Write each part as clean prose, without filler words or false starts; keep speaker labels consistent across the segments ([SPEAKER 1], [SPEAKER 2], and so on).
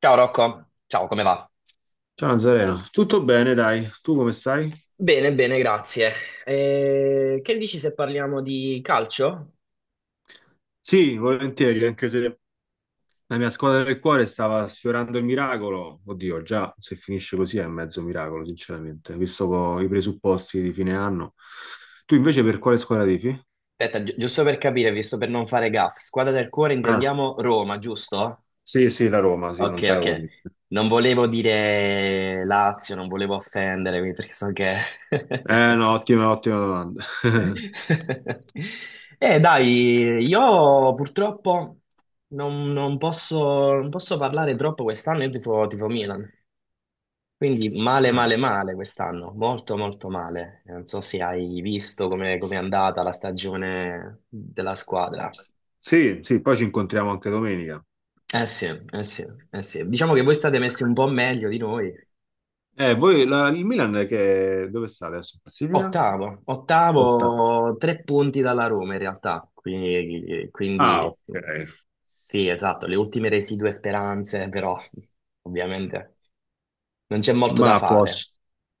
[SPEAKER 1] Ciao Rocco, ciao, come va?
[SPEAKER 2] Ciao Nazareno, tutto bene dai, tu come stai?
[SPEAKER 1] Bene, bene, grazie. Che dici se parliamo di calcio?
[SPEAKER 2] Sì, volentieri, anche se la mia squadra del cuore stava sfiorando il miracolo. Oddio, già se finisce così è mezzo miracolo, sinceramente, visto i presupposti di fine anno. Tu invece per quale squadra tifi?
[SPEAKER 1] Aspetta, giusto per capire, visto per non fare gaff, squadra del cuore
[SPEAKER 2] Ah,
[SPEAKER 1] intendiamo Roma, giusto?
[SPEAKER 2] sì, sì, la Roma, sì,
[SPEAKER 1] Ok,
[SPEAKER 2] non te l'avevo
[SPEAKER 1] ok.
[SPEAKER 2] detto.
[SPEAKER 1] Non volevo dire Lazio, non volevo offendere, quindi perché so che...
[SPEAKER 2] Eh no, ottima, ottima domanda.
[SPEAKER 1] Dai, io purtroppo non posso parlare troppo quest'anno, io tifo Milan. Quindi male, male,
[SPEAKER 2] Ah,
[SPEAKER 1] male quest'anno, molto, molto male. Non so se hai visto come è andata la stagione della squadra.
[SPEAKER 2] sì, sì, poi ci incontriamo anche domenica.
[SPEAKER 1] Eh sì, eh sì, eh sì. Diciamo che voi state messi un po' meglio di noi.
[SPEAKER 2] Il Milan che, dove sta adesso? Classifica?
[SPEAKER 1] Ottavo,
[SPEAKER 2] Ottava.
[SPEAKER 1] ottavo, tre punti dalla Roma in realtà. Quindi,
[SPEAKER 2] Ah,
[SPEAKER 1] quindi
[SPEAKER 2] ok.
[SPEAKER 1] sì, esatto, le ultime residue speranze, però ovviamente non c'è molto
[SPEAKER 2] Ma
[SPEAKER 1] da
[SPEAKER 2] a
[SPEAKER 1] fare.
[SPEAKER 2] posto.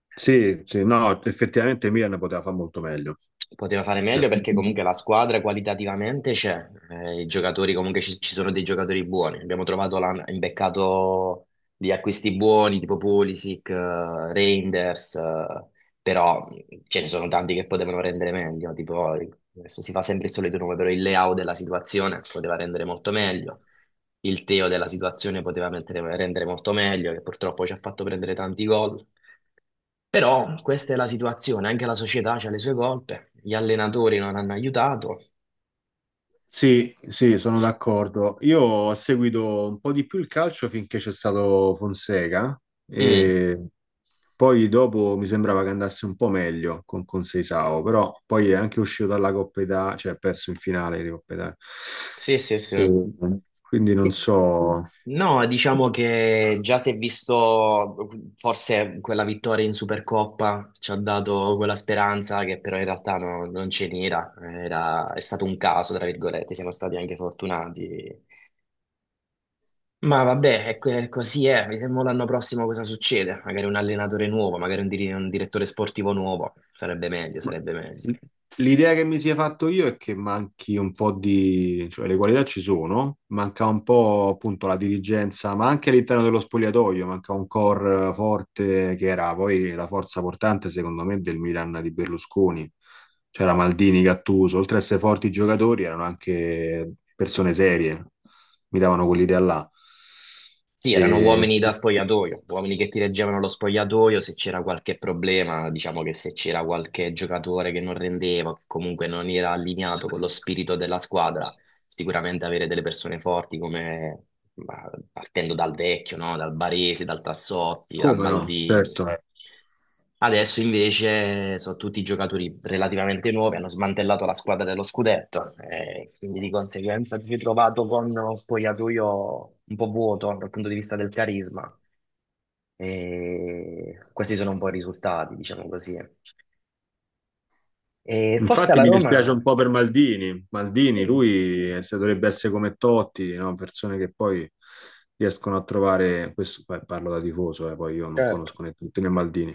[SPEAKER 2] Sì, sì, no, effettivamente Milan poteva fare molto meglio.
[SPEAKER 1] Poteva fare
[SPEAKER 2] Cioè,
[SPEAKER 1] meglio perché comunque la squadra qualitativamente c'è, i giocatori comunque ci sono dei giocatori buoni. Abbiamo trovato, l'hanno imbeccato di acquisti buoni tipo Pulisic, Reinders, però ce ne sono tanti che potevano rendere meglio. Tipo, adesso si fa sempre il solito nome, però il Leao della situazione poteva rendere molto meglio. Il Teo della situazione poteva rendere molto meglio, che purtroppo ci ha fatto prendere tanti gol. Però questa è la situazione, anche la società ha le sue colpe, gli allenatori non hanno aiutato.
[SPEAKER 2] sì, sì, sono d'accordo. Io ho seguito un po' di più il calcio finché c'è stato Fonseca
[SPEAKER 1] Mm,
[SPEAKER 2] e poi dopo mi sembrava che andasse un po' meglio con Seisao, però poi è anche uscito dalla Coppa Italia, cioè ha perso in finale di Coppa Italia.
[SPEAKER 1] sì, sì, sì.
[SPEAKER 2] E quindi non
[SPEAKER 1] Sì.
[SPEAKER 2] so.
[SPEAKER 1] No, diciamo che già si è visto, forse quella vittoria in Supercoppa ci ha dato quella speranza che però in realtà non ce n'era. È stato un caso, tra virgolette, siamo stati anche fortunati. Ma vabbè, così è, vediamo l'anno prossimo cosa succede, magari un allenatore nuovo, magari un direttore sportivo nuovo, sarebbe meglio,
[SPEAKER 2] Ma-
[SPEAKER 1] sarebbe meglio.
[SPEAKER 2] L'idea che mi sia fatto io è che manchi un po' di, cioè le qualità ci sono, manca un po' appunto la dirigenza, ma anche all'interno dello spogliatoio, manca un core forte che era poi la forza portante secondo me del Milan di Berlusconi. C'era Maldini, Gattuso, oltre a essere forti giocatori erano anche persone serie, mi davano quell'idea là.
[SPEAKER 1] Sì,
[SPEAKER 2] E...
[SPEAKER 1] erano uomini da spogliatoio, uomini che ti reggevano lo spogliatoio se c'era qualche problema, diciamo che se c'era qualche giocatore che non rendeva, che comunque non era allineato con lo spirito della squadra. Sicuramente avere delle persone forti come ma, partendo dal Vecchio, no? Dal Baresi, dal Tassotti, dal
[SPEAKER 2] Come no,
[SPEAKER 1] Maldini.
[SPEAKER 2] certo.
[SPEAKER 1] Adesso invece sono tutti giocatori relativamente nuovi, hanno smantellato la squadra dello scudetto, e quindi di conseguenza si è trovato con uno spogliatoio un po' vuoto dal punto di vista del carisma. E questi sono un po' i risultati, diciamo così. E forse
[SPEAKER 2] Infatti
[SPEAKER 1] alla
[SPEAKER 2] mi
[SPEAKER 1] Roma,
[SPEAKER 2] dispiace un po' per Maldini.
[SPEAKER 1] sì,
[SPEAKER 2] Maldini, lui se dovrebbe essere come Totti, no? Persone che poi riescono a trovare, questo beh, parlo da tifoso, poi io non
[SPEAKER 1] certo.
[SPEAKER 2] conosco né tutti né Maldini,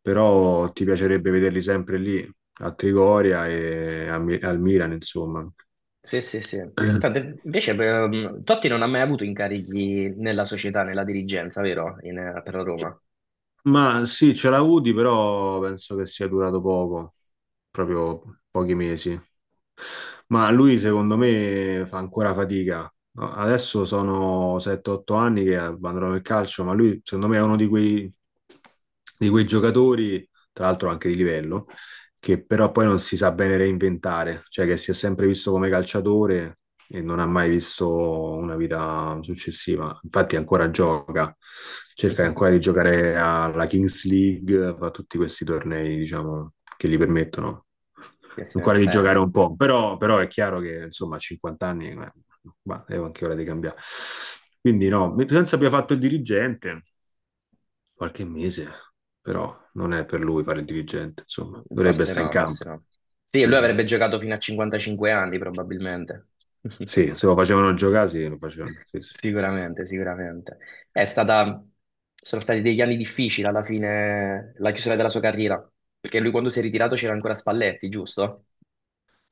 [SPEAKER 2] però ti piacerebbe vederli sempre lì, a Trigoria e a al Milan, insomma.
[SPEAKER 1] Sì, sì, sì. Tanto, invece Totti non ha mai avuto incarichi nella società, nella dirigenza, vero? Per la Roma.
[SPEAKER 2] Ma sì, c'era Udi, però penso che sia durato poco, proprio pochi mesi. Ma lui, secondo me, fa ancora fatica. No, adesso sono 7-8 anni che abbandonano il calcio, ma lui, secondo me, è uno di di quei giocatori, tra l'altro anche di livello, che però poi non si sa bene reinventare, cioè che si è sempre visto come calciatore, e non ha mai visto una vita successiva. Infatti ancora gioca, cerca ancora di giocare alla Kings League, fa tutti questi tornei, diciamo, che gli permettono
[SPEAKER 1] Sì, sì,
[SPEAKER 2] ancora di giocare un po', però è chiaro che insomma a 50 anni bah, è anche ora di cambiare. Quindi no, senza abbia fatto il dirigente qualche mese, però non è per lui fare il dirigente, insomma, dovrebbe
[SPEAKER 1] forse
[SPEAKER 2] stare in
[SPEAKER 1] no,
[SPEAKER 2] campo.
[SPEAKER 1] forse no. Sì, lui
[SPEAKER 2] No.
[SPEAKER 1] avrebbe giocato fino a 55 anni probabilmente.
[SPEAKER 2] Sì, se lo facevano giocare, sì, lo facevano. Sì, sì.
[SPEAKER 1] Sicuramente, sicuramente. È stata, sono stati degli anni difficili alla fine, la chiusura della sua carriera, perché lui quando si è ritirato c'era ancora Spalletti, giusto?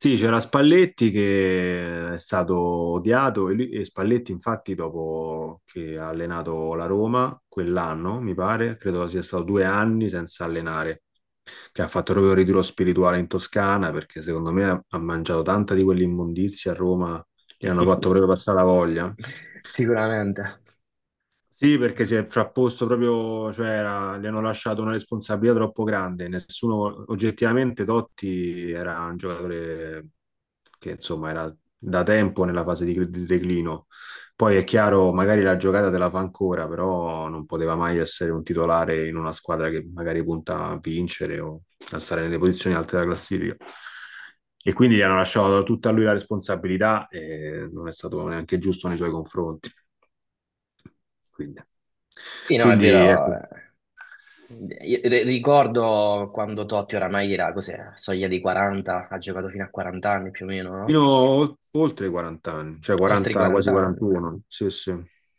[SPEAKER 2] Sì, c'era Spalletti che è stato odiato e, e Spalletti infatti dopo che ha allenato la Roma quell'anno, mi pare, credo sia stato due anni senza allenare, che ha fatto proprio il ritiro spirituale in Toscana perché secondo me ha mangiato tanta di quell'immondizia a Roma, gli hanno fatto proprio passare la voglia.
[SPEAKER 1] Sicuramente.
[SPEAKER 2] Sì, perché si è frapposto proprio, cioè gli hanno lasciato una responsabilità troppo grande. Nessuno, oggettivamente, Totti era un giocatore che insomma era da tempo nella fase di declino. Poi è chiaro, magari la giocata te la fa ancora, però non poteva mai essere un titolare in una squadra che magari punta a vincere o a stare nelle posizioni alte della classifica. E quindi gli hanno lasciato tutta a lui la responsabilità e non è stato neanche giusto nei suoi confronti. Quindi,
[SPEAKER 1] Sì, no, è
[SPEAKER 2] quindi
[SPEAKER 1] vero.
[SPEAKER 2] ecco,
[SPEAKER 1] Ricordo quando Totti oramai era, cos'era, soglia dei 40, ha giocato fino a 40 anni più o meno,
[SPEAKER 2] fino
[SPEAKER 1] no?
[SPEAKER 2] a oltre i 40 anni, cioè
[SPEAKER 1] Oltre i
[SPEAKER 2] 40, quasi
[SPEAKER 1] 40 anni.
[SPEAKER 2] 41. Sì, sì.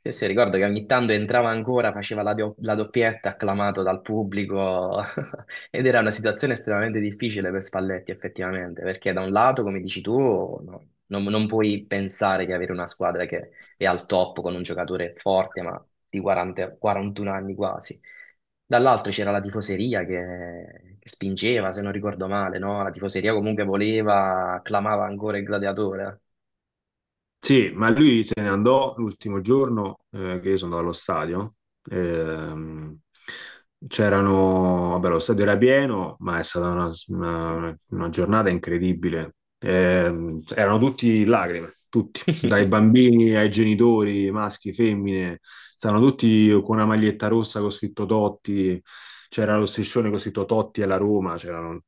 [SPEAKER 1] Sì, sì, ricordo che ogni tanto entrava ancora, faceva la doppietta, acclamato dal pubblico, ed era una situazione estremamente difficile per Spalletti, effettivamente, perché da un lato, come dici tu, no, non puoi pensare di avere una squadra che è al top con un giocatore forte, ma di 40 41 anni quasi. Dall'altro c'era la tifoseria che spingeva, se non ricordo male, no? La tifoseria comunque voleva, clamava ancora il gladiatore.
[SPEAKER 2] Sì, ma lui se ne andò l'ultimo giorno che io sono andato allo stadio. Ehm, c'erano, vabbè, lo stadio era pieno, ma è stata una giornata incredibile. Erano tutti in lacrime, tutti, dai bambini ai genitori, maschi, femmine, stavano tutti con una maglietta rossa con scritto Totti, c'era lo striscione con scritto Totti alla Roma, c'erano,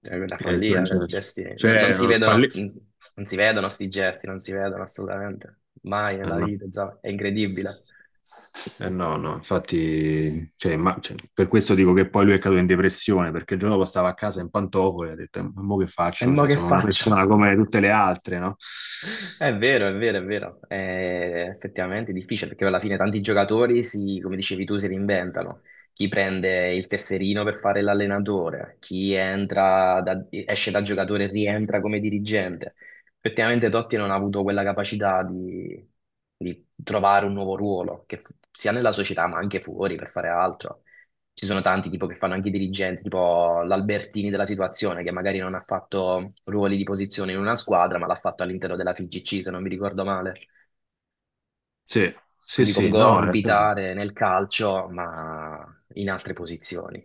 [SPEAKER 1] È una
[SPEAKER 2] eh,
[SPEAKER 1] follia,
[SPEAKER 2] c'è
[SPEAKER 1] gesti. Non
[SPEAKER 2] c'è
[SPEAKER 1] si
[SPEAKER 2] uno
[SPEAKER 1] vedono,
[SPEAKER 2] spalletto.
[SPEAKER 1] non si vedono sti gesti, non si vedono assolutamente. Mai nella vita, insomma, è incredibile.
[SPEAKER 2] Eh no, no, infatti, cioè, cioè, per questo dico che poi lui è caduto in depressione, perché il giorno dopo stava a casa in pantofole e ha detto, ma mo che
[SPEAKER 1] E
[SPEAKER 2] faccio?
[SPEAKER 1] mo
[SPEAKER 2] Cioè,
[SPEAKER 1] che
[SPEAKER 2] sono una
[SPEAKER 1] faccio?
[SPEAKER 2] persona come tutte le altre, no?
[SPEAKER 1] È vero, è vero, è vero. È effettivamente difficile perché alla fine tanti giocatori si, come dicevi tu, si reinventano. Chi prende il tesserino per fare l'allenatore, chi esce da giocatore e rientra come dirigente. Effettivamente Totti non ha avuto quella capacità di trovare un nuovo ruolo, che sia nella società ma anche fuori per fare altro. Ci sono tanti tipo che fanno anche i dirigenti, tipo l'Albertini della situazione, che magari non ha fatto ruoli di posizione in una squadra, ma l'ha fatto all'interno della FIGC, se non mi ricordo male.
[SPEAKER 2] Sì, sì,
[SPEAKER 1] Quindi
[SPEAKER 2] sì,
[SPEAKER 1] comunque
[SPEAKER 2] no,
[SPEAKER 1] orbitare nel calcio, ma in altre posizioni.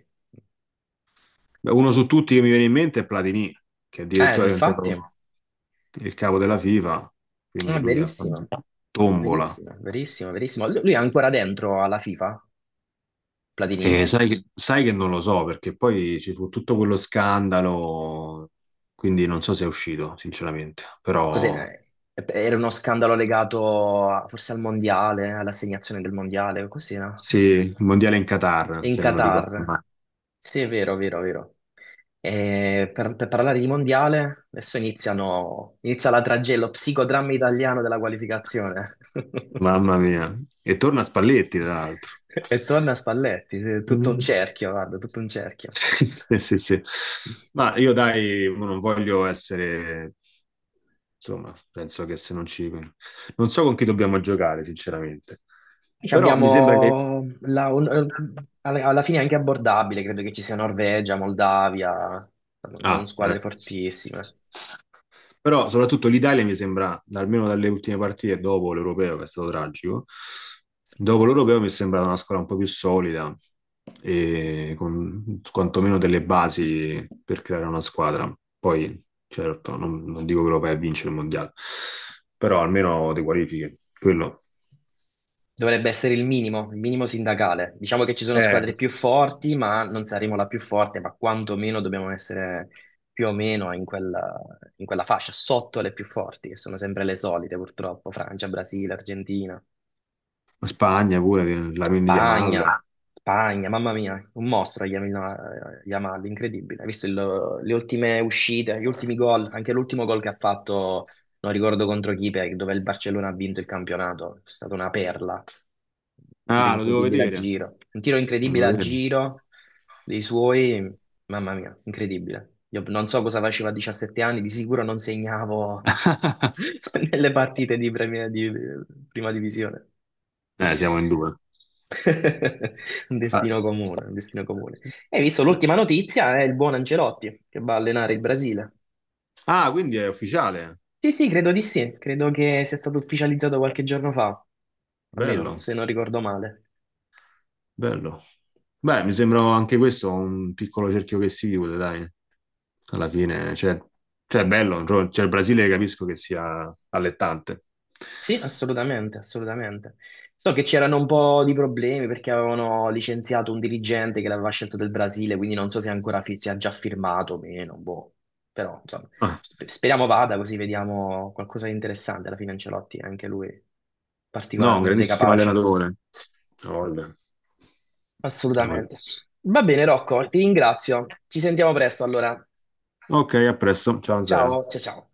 [SPEAKER 2] uno su tutti che mi viene in mente è Platini, che addirittura è
[SPEAKER 1] Infatti, è
[SPEAKER 2] diventato il capo della FIFA, quindi lui ha fatto
[SPEAKER 1] verissimo,
[SPEAKER 2] tombola.
[SPEAKER 1] verissimo, verissimo, verissimo. Lui è ancora dentro alla FIFA, Platini?
[SPEAKER 2] E sai, sai che non lo so perché poi ci fu tutto quello scandalo, quindi non so se è uscito, sinceramente. Però
[SPEAKER 1] Cos'è? Era uno scandalo legato forse al mondiale, all'assegnazione del mondiale, così, no?
[SPEAKER 2] sì, il mondiale in Qatar,
[SPEAKER 1] In
[SPEAKER 2] se non ricordo
[SPEAKER 1] Qatar.
[SPEAKER 2] male.
[SPEAKER 1] Sì, è vero, vero, vero. E per parlare di mondiale, adesso inizia la tragella, psicodramma italiano della qualificazione.
[SPEAKER 2] Mamma mia. E torna Spalletti, tra l'altro.
[SPEAKER 1] E torna Spalletti, sì, tutto un
[SPEAKER 2] Mm.
[SPEAKER 1] cerchio, guarda, tutto un cerchio.
[SPEAKER 2] Sì, sì, sì. Ma io dai, mo non voglio essere, insomma, penso che se non ci... Non so con chi dobbiamo giocare, sinceramente.
[SPEAKER 1] Ci
[SPEAKER 2] Però mi sembra che
[SPEAKER 1] abbiamo alla fine è anche abbordabile, credo che ci sia Norvegia, Moldavia, non
[SPEAKER 2] ah, eh.
[SPEAKER 1] squadre fortissime.
[SPEAKER 2] Però soprattutto l'Italia mi sembra, almeno dalle ultime partite dopo l'Europeo, che è stato tragico, dopo l'Europeo mi è sembrata una squadra un po' più solida e con quantomeno delle basi per creare una squadra. Poi, certo, non dico che lo vai a vincere il mondiale, però almeno ti qualifichi. Quello.
[SPEAKER 1] Dovrebbe essere il minimo sindacale. Diciamo che ci sono
[SPEAKER 2] Eh,
[SPEAKER 1] squadre più forti, ma non saremo la più forte, ma quantomeno dobbiamo essere più o meno in quella, fascia, sotto le più forti, che sono sempre le solite, purtroppo, Francia, Brasile, Argentina.
[SPEAKER 2] Spagna pure, la Yamal.
[SPEAKER 1] Spagna, Spagna, mamma mia, un mostro Yamal, Yamal, incredibile. Hai visto le ultime uscite, gli ultimi gol, anche l'ultimo gol che ha fatto, non ricordo contro chi, dove il Barcellona ha vinto il campionato, è stata una perla. Tiro
[SPEAKER 2] Ah, lo devo
[SPEAKER 1] incredibile a
[SPEAKER 2] vedere.
[SPEAKER 1] giro, un tiro
[SPEAKER 2] Lo
[SPEAKER 1] incredibile
[SPEAKER 2] devo
[SPEAKER 1] a
[SPEAKER 2] vedere.
[SPEAKER 1] giro dei suoi, mamma mia, incredibile. Io non so cosa facevo a 17 anni, di sicuro non segnavo nelle partite di prima divisione.
[SPEAKER 2] Siamo in due.
[SPEAKER 1] Un
[SPEAKER 2] Ah,
[SPEAKER 1] destino comune, un destino comune.
[SPEAKER 2] sì.
[SPEAKER 1] E hai visto l'ultima notizia è il buon Ancelotti che va a allenare il Brasile.
[SPEAKER 2] Ah, quindi è ufficiale.
[SPEAKER 1] Sì, sì, credo di sì, credo che sia stato ufficializzato qualche giorno fa, almeno
[SPEAKER 2] Bello,
[SPEAKER 1] se non ricordo male.
[SPEAKER 2] bello. Beh, mi sembra anche questo un piccolo cerchio che si chiude, dai. Alla fine, cioè, cioè, è bello. Cioè, cioè, il Brasile capisco che sia allettante.
[SPEAKER 1] Sì, assolutamente, assolutamente. So che c'erano un po' di problemi perché avevano licenziato un dirigente che l'aveva scelto del Brasile, quindi non so se ancora si è già firmato o meno, boh. Però, insomma,
[SPEAKER 2] Ah,
[SPEAKER 1] speriamo vada così vediamo qualcosa di interessante. Alla fine Ancelotti è anche lui
[SPEAKER 2] no, un
[SPEAKER 1] particolarmente
[SPEAKER 2] grandissimo
[SPEAKER 1] capace.
[SPEAKER 2] allenatore. Voglia,
[SPEAKER 1] Assolutamente.
[SPEAKER 2] voglia.
[SPEAKER 1] Va bene, Rocco, ti ringrazio. Ci sentiamo presto allora.
[SPEAKER 2] Ok, a presto. Ciao, Zero.
[SPEAKER 1] Ciao, ciao, ciao.